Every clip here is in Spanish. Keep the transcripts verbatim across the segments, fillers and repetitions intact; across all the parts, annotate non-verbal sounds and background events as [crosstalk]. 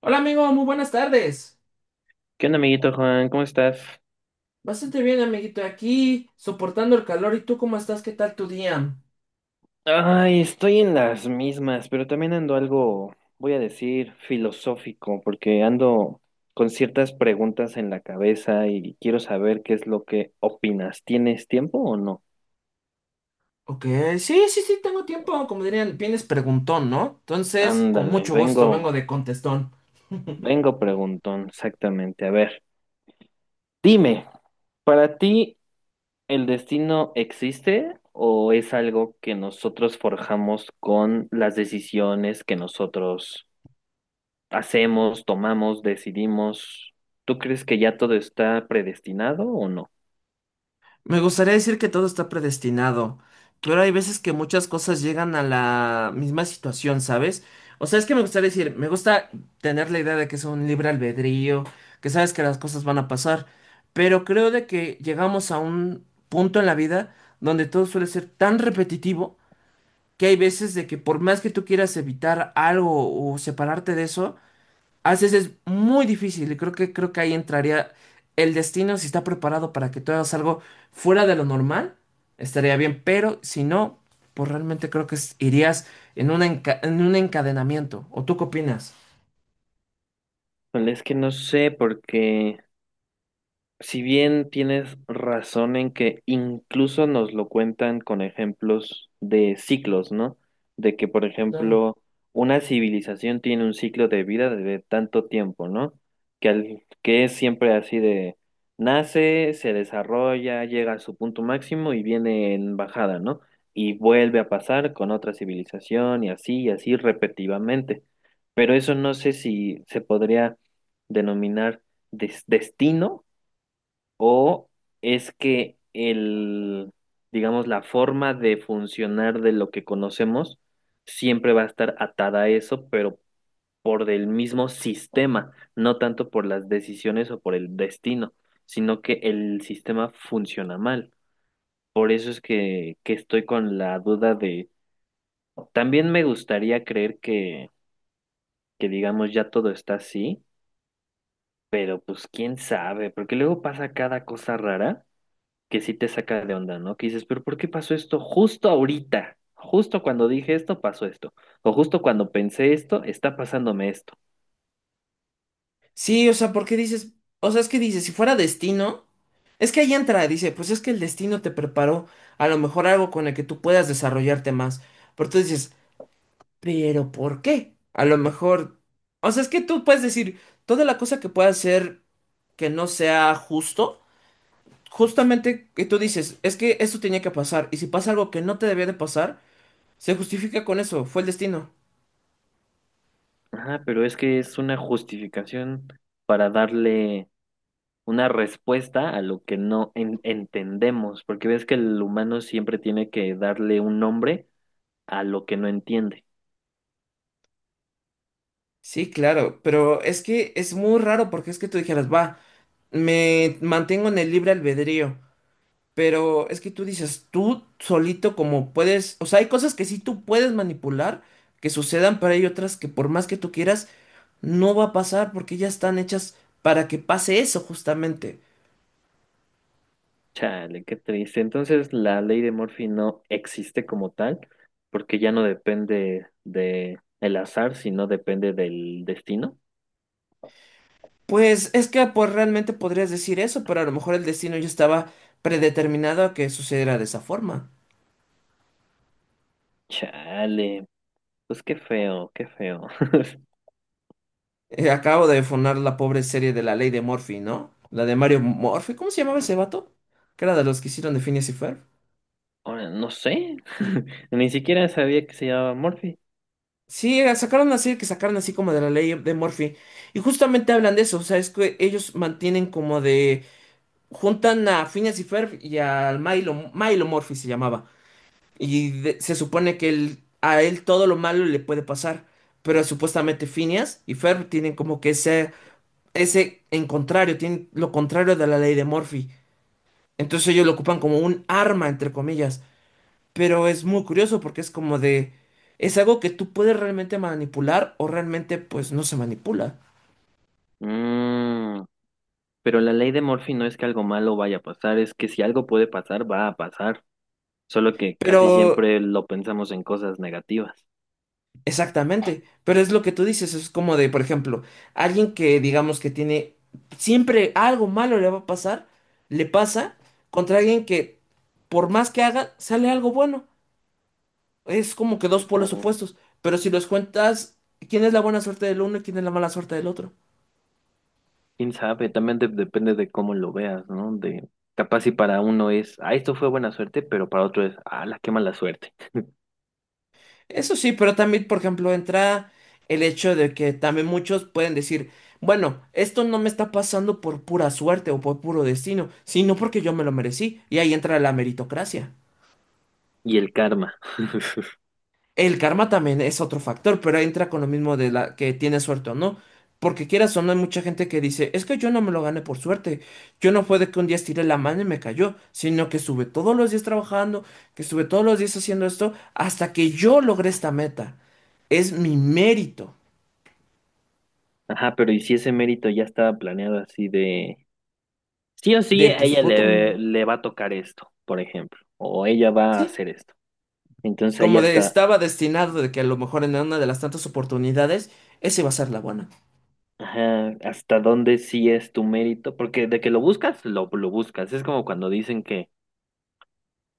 Hola amigo, muy buenas tardes. ¿Qué onda, amiguito Juan? ¿Cómo estás? Bastante bien, amiguito, aquí soportando el calor. ¿Y tú cómo estás? ¿Qué tal tu día? Ay, estoy en las mismas, pero también ando algo, voy a decir, filosófico, porque ando con ciertas preguntas en la cabeza y quiero saber qué es lo que opinas. ¿Tienes tiempo o no? Ok, sí, sí, sí, tengo tiempo. Como dirían, vienes preguntón, ¿no? Entonces, con Ándale, mucho gusto, vengo, vengo de contestón. vengo preguntón, exactamente. A ver, dime, ¿para ti el destino existe o es algo que nosotros forjamos con las decisiones que nosotros hacemos, tomamos, decidimos? ¿Tú crees que ya todo está predestinado o no? Me gustaría decir que todo está predestinado, pero hay veces que muchas cosas llegan a la misma situación, ¿sabes? O sea, es que me gustaría decir, me gusta tener la idea de que es un libre albedrío, que sabes que las cosas van a pasar, pero creo de que llegamos a un punto en la vida donde todo suele ser tan repetitivo que hay veces de que por más que tú quieras evitar algo o separarte de eso, a veces es muy difícil y creo que, creo que ahí entraría el destino. Si está preparado para que tú hagas algo fuera de lo normal, estaría bien, pero si no, pues realmente creo que es- irías en una enca- en un encadenamiento. ¿O tú qué opinas? Pues es que no sé, porque si bien tienes razón en que incluso nos lo cuentan con ejemplos de ciclos, ¿no? De que, por Claro. ejemplo, una civilización tiene un ciclo de vida de tanto tiempo, ¿no? Que, al- que es siempre así de nace, se desarrolla, llega a su punto máximo y viene en bajada, ¿no? Y vuelve a pasar con otra civilización y así y así repetitivamente. Pero eso no sé si se podría denominar des- destino, o es que el, digamos, la forma de funcionar de lo que conocemos siempre va a estar atada a eso, pero por el mismo sistema, no tanto por las decisiones o por el destino, sino que el sistema funciona mal. Por eso es que, que estoy con la duda de, también me gustaría creer que, que digamos ya todo está así, pero pues quién sabe, porque luego pasa cada cosa rara que sí te saca de onda, ¿no? Que dices, pero ¿por qué pasó esto justo ahorita? Justo cuando dije esto, pasó esto. O justo cuando pensé esto, está pasándome esto. Sí, o sea, porque dices, o sea, es que dices, si fuera destino, es que ahí entra, dice, pues es que el destino te preparó a lo mejor algo con el que tú puedas desarrollarte más. Pero tú dices, pero ¿por qué? A lo mejor, o sea, es que tú puedes decir toda la cosa que pueda ser que no sea justo, justamente que tú dices, es que esto tenía que pasar, y si pasa algo que no te debía de pasar, se justifica con eso, fue el destino. Ajá, pero es que es una justificación para darle una respuesta a lo que no en- entendemos, porque ves que el humano siempre tiene que darle un nombre a lo que no entiende. Sí, claro, pero es que es muy raro porque es que tú dijeras, va, me mantengo en el libre albedrío. Pero es que tú dices, tú solito como puedes, o sea, hay cosas que sí tú puedes manipular, que sucedan, pero hay otras que por más que tú quieras, no va a pasar porque ya están hechas para que pase eso justamente. Chale, qué triste. Entonces, la ley de Murphy no existe como tal, porque ya no depende de el azar, sino depende del destino. Pues es que pues realmente podrías decir eso, pero a lo mejor el destino ya estaba predeterminado a que sucediera de esa forma. Chale, pues qué feo, qué feo. [laughs] Eh, acabo de funar la pobre serie de La Ley de Murphy, ¿no? La de Mario Murphy, ¿cómo se llamaba ese vato? Que era de los que hicieron de Phineas y Ferb. Ahora, no sé, [laughs] ni siquiera sabía que se llamaba Murphy. Sí, era- sacaron una serie que sacaron así como de la ley de Murphy. Y justamente hablan de eso. O sea, es que ellos mantienen como de. Juntan a Phineas y Ferb y al Milo. Milo Murphy se llamaba. Y de- se supone que él- a él todo lo malo le puede pasar. Pero supuestamente Phineas y Ferb tienen como que ese. Ese en contrario. Tienen lo contrario de la ley de Murphy. Entonces ellos lo ocupan como un arma, entre comillas. Pero es muy curioso porque es como de, es algo que tú puedes realmente manipular o realmente pues no se manipula. Mm, pero la ley de Murphy no es que algo malo vaya a pasar, es que si algo puede pasar, va a pasar. Solo que casi Pero, siempre lo pensamos en cosas negativas. exactamente, pero es lo que tú dices, es como de, por ejemplo, alguien que digamos que tiene, siempre algo malo le va a pasar, le pasa contra alguien que por más que haga, sale algo bueno. Es como que dos polos opuestos, pero si los cuentas, ¿quién es la buena suerte del uno y quién es la mala suerte del otro? Quién sabe, también de- depende de cómo lo veas, ¿no? De capaz si para uno es, ah, esto fue buena suerte, pero para otro es, ah, la qué mala suerte. Eso sí, pero también, por ejemplo, entra el hecho de que también muchos pueden decir, bueno, esto no me está pasando por pura suerte o por puro destino, sino porque yo me lo merecí. Y ahí entra la meritocracia. Y el karma. [laughs] El karma también es otro factor, pero ahí entra con lo mismo de la que tiene suerte o no. Porque quieras o no, hay mucha gente que dice, es que yo no me lo gané por suerte. Yo no fue de que un día estiré la mano y me cayó, sino que estuve todos los días trabajando, que estuve todos los días haciendo esto, hasta que yo logré esta meta. Es mi mérito. Ajá, pero ¿y si ese mérito ya estaba planeado así de, sí o sí, De, a pues, ella puta, le, mm, le va a tocar esto, por ejemplo, o ella va a sí. hacer esto? Entonces ahí Como de hasta, estaba destinado de que a lo mejor en una de las tantas oportunidades, esa iba a ser la buena. ajá, hasta dónde sí es tu mérito, porque de que lo buscas, lo, lo buscas. Es como cuando dicen que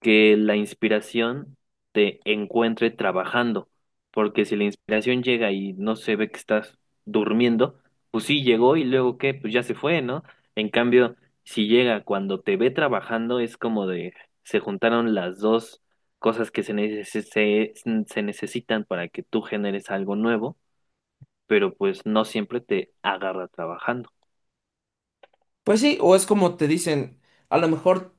que la inspiración te encuentre trabajando, porque si la inspiración llega y no se ve que estás durmiendo, pues sí llegó, y luego qué, pues ya se fue, ¿no? En cambio, si llega cuando te ve trabajando, es como de se juntaron las dos cosas que se, neces- se, se necesitan para que tú generes algo nuevo, pero pues no siempre te agarra trabajando. Pues sí, o es como te dicen, a lo mejor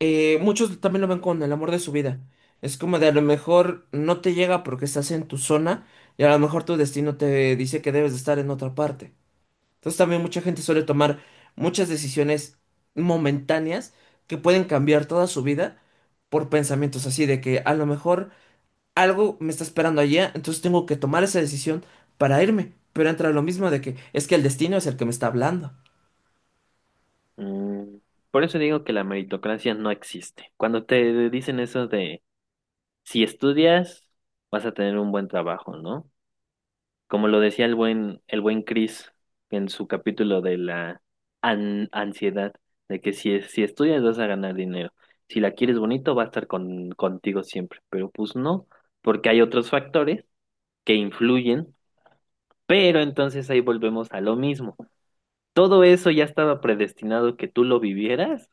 eh, muchos también lo ven con el amor de su vida. Es como de a lo mejor no te llega porque estás en tu zona y a lo mejor tu destino te dice que debes de estar en otra parte. Entonces también mucha gente suele tomar muchas decisiones momentáneas que pueden cambiar toda su vida por pensamientos así de que a lo mejor algo me está esperando allá, entonces tengo que tomar esa decisión para irme. Pero entra lo mismo de que es que el destino es el que me está hablando Mm, por eso digo que la meritocracia no existe. Cuando te dicen eso de si estudias, vas a tener un buen trabajo, ¿no? Como lo decía el buen, el buen Chris en su capítulo de la an- ansiedad, de que si, si estudias vas a ganar dinero. Si la quieres bonito, va a estar con, contigo siempre. Pero pues no, porque hay otros factores que influyen, pero entonces ahí volvemos a lo mismo. Todo eso ya estaba predestinado que tú lo vivieras.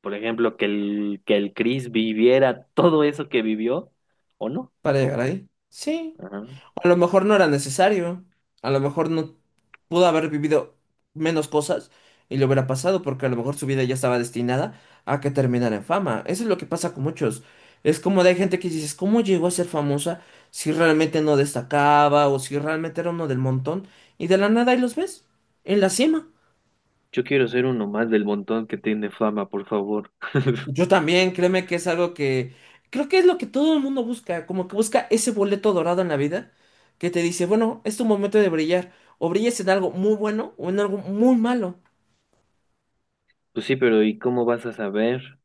Por ejemplo, que el, que el Chris viviera todo eso que vivió, ¿o no? para llegar ahí. Sí. Ajá. A lo mejor no era necesario. A lo mejor no pudo haber vivido menos cosas y le hubiera pasado porque a lo mejor su vida ya estaba destinada a que terminara en fama. Eso es lo que pasa con muchos. Es como de hay gente que dices, ¿cómo llegó a ser famosa si realmente no destacaba o si realmente era uno del montón? Y de la nada ahí los ves en la cima. Yo quiero ser uno más del montón que tiene fama, por favor. Yo [laughs] también, créeme que es algo que creo que es lo que todo el mundo busca, como que busca ese boleto dorado en la vida que te dice, bueno, es tu momento de brillar, o brillas en algo muy bueno o en algo muy malo. Pues sí, pero ¿y cómo vas a saber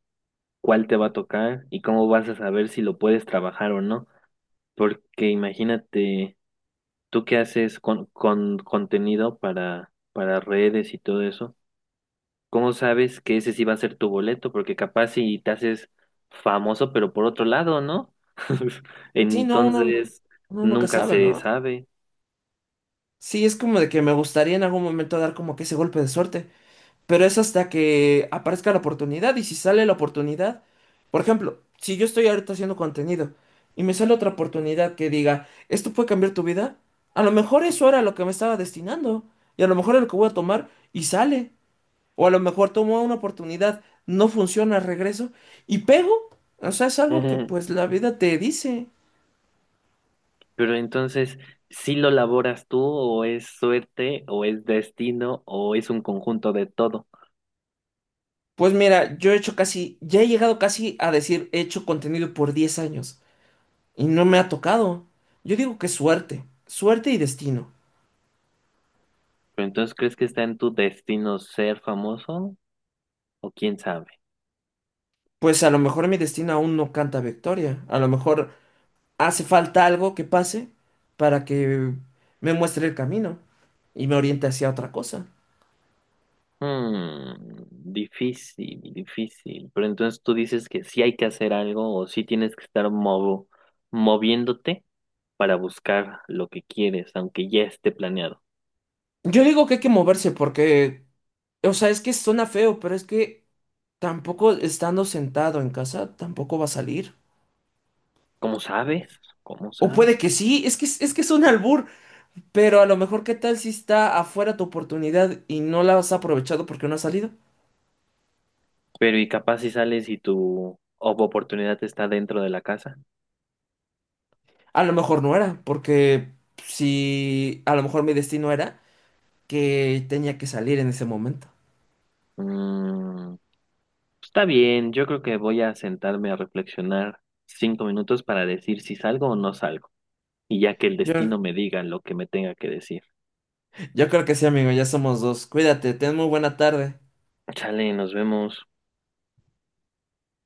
cuál te va a tocar? ¿Y cómo vas a saber si lo puedes trabajar o no? Porque imagínate, tú que haces con, con contenido para, para redes y todo eso, ¿cómo sabes que ese sí va a ser tu boleto? Porque capaz si te haces famoso, pero por otro lado, ¿no? [laughs] Sí, no, uno, Entonces, uno nunca nunca sabe, se ¿no? sabe. Sí, es como de que me gustaría en algún momento dar como que ese golpe de suerte. Pero es hasta que aparezca la oportunidad. Y si sale la oportunidad, por ejemplo, si yo estoy ahorita haciendo contenido y me sale otra oportunidad que diga, esto puede cambiar tu vida, a lo mejor eso era lo que me estaba destinando. Y a lo mejor es lo que voy a tomar y sale. O a lo mejor tomo una oportunidad, no funciona, regreso y pego. O sea, es algo que [laughs] pues la vida te dice. Pero entonces, ¿sí lo laboras tú, o es suerte, o es destino, o es un conjunto de todo? Pues mira, yo he hecho casi, ya he llegado casi a decir, he hecho contenido por diez años. Y no me ha tocado. Yo digo que suerte, suerte y destino. Pero entonces, ¿crees que está en tu destino ser famoso o quién sabe? Pues a lo mejor mi destino aún no canta victoria. A lo mejor hace falta algo que pase para que me muestre el camino y me oriente hacia otra cosa. Hmm, difícil, difícil. Pero entonces tú dices que sí hay que hacer algo, o sí tienes que estar movo- moviéndote para buscar lo que quieres, aunque ya esté planeado. Yo digo que hay que moverse porque, o sea, es que suena feo, pero es que tampoco estando sentado en casa, tampoco va a salir. ¿Cómo sabes? ¿Cómo O sabes? puede que sí, es que es, es que es un albur, pero a lo mejor qué tal si está afuera tu oportunidad y no la has aprovechado porque no has salido. Pero y capaz si sales y tu oportunidad está dentro de la casa. A lo mejor no era, porque si a lo mejor mi destino era que tenía que salir en ese momento. Mm, está bien, yo creo que voy a sentarme a reflexionar cinco minutos para decir si salgo o no salgo, y ya que el Yo, destino me diga lo que me tenga que decir. yo creo que sí, amigo, ya somos dos. Cuídate, ten muy buena tarde. Chale, nos vemos.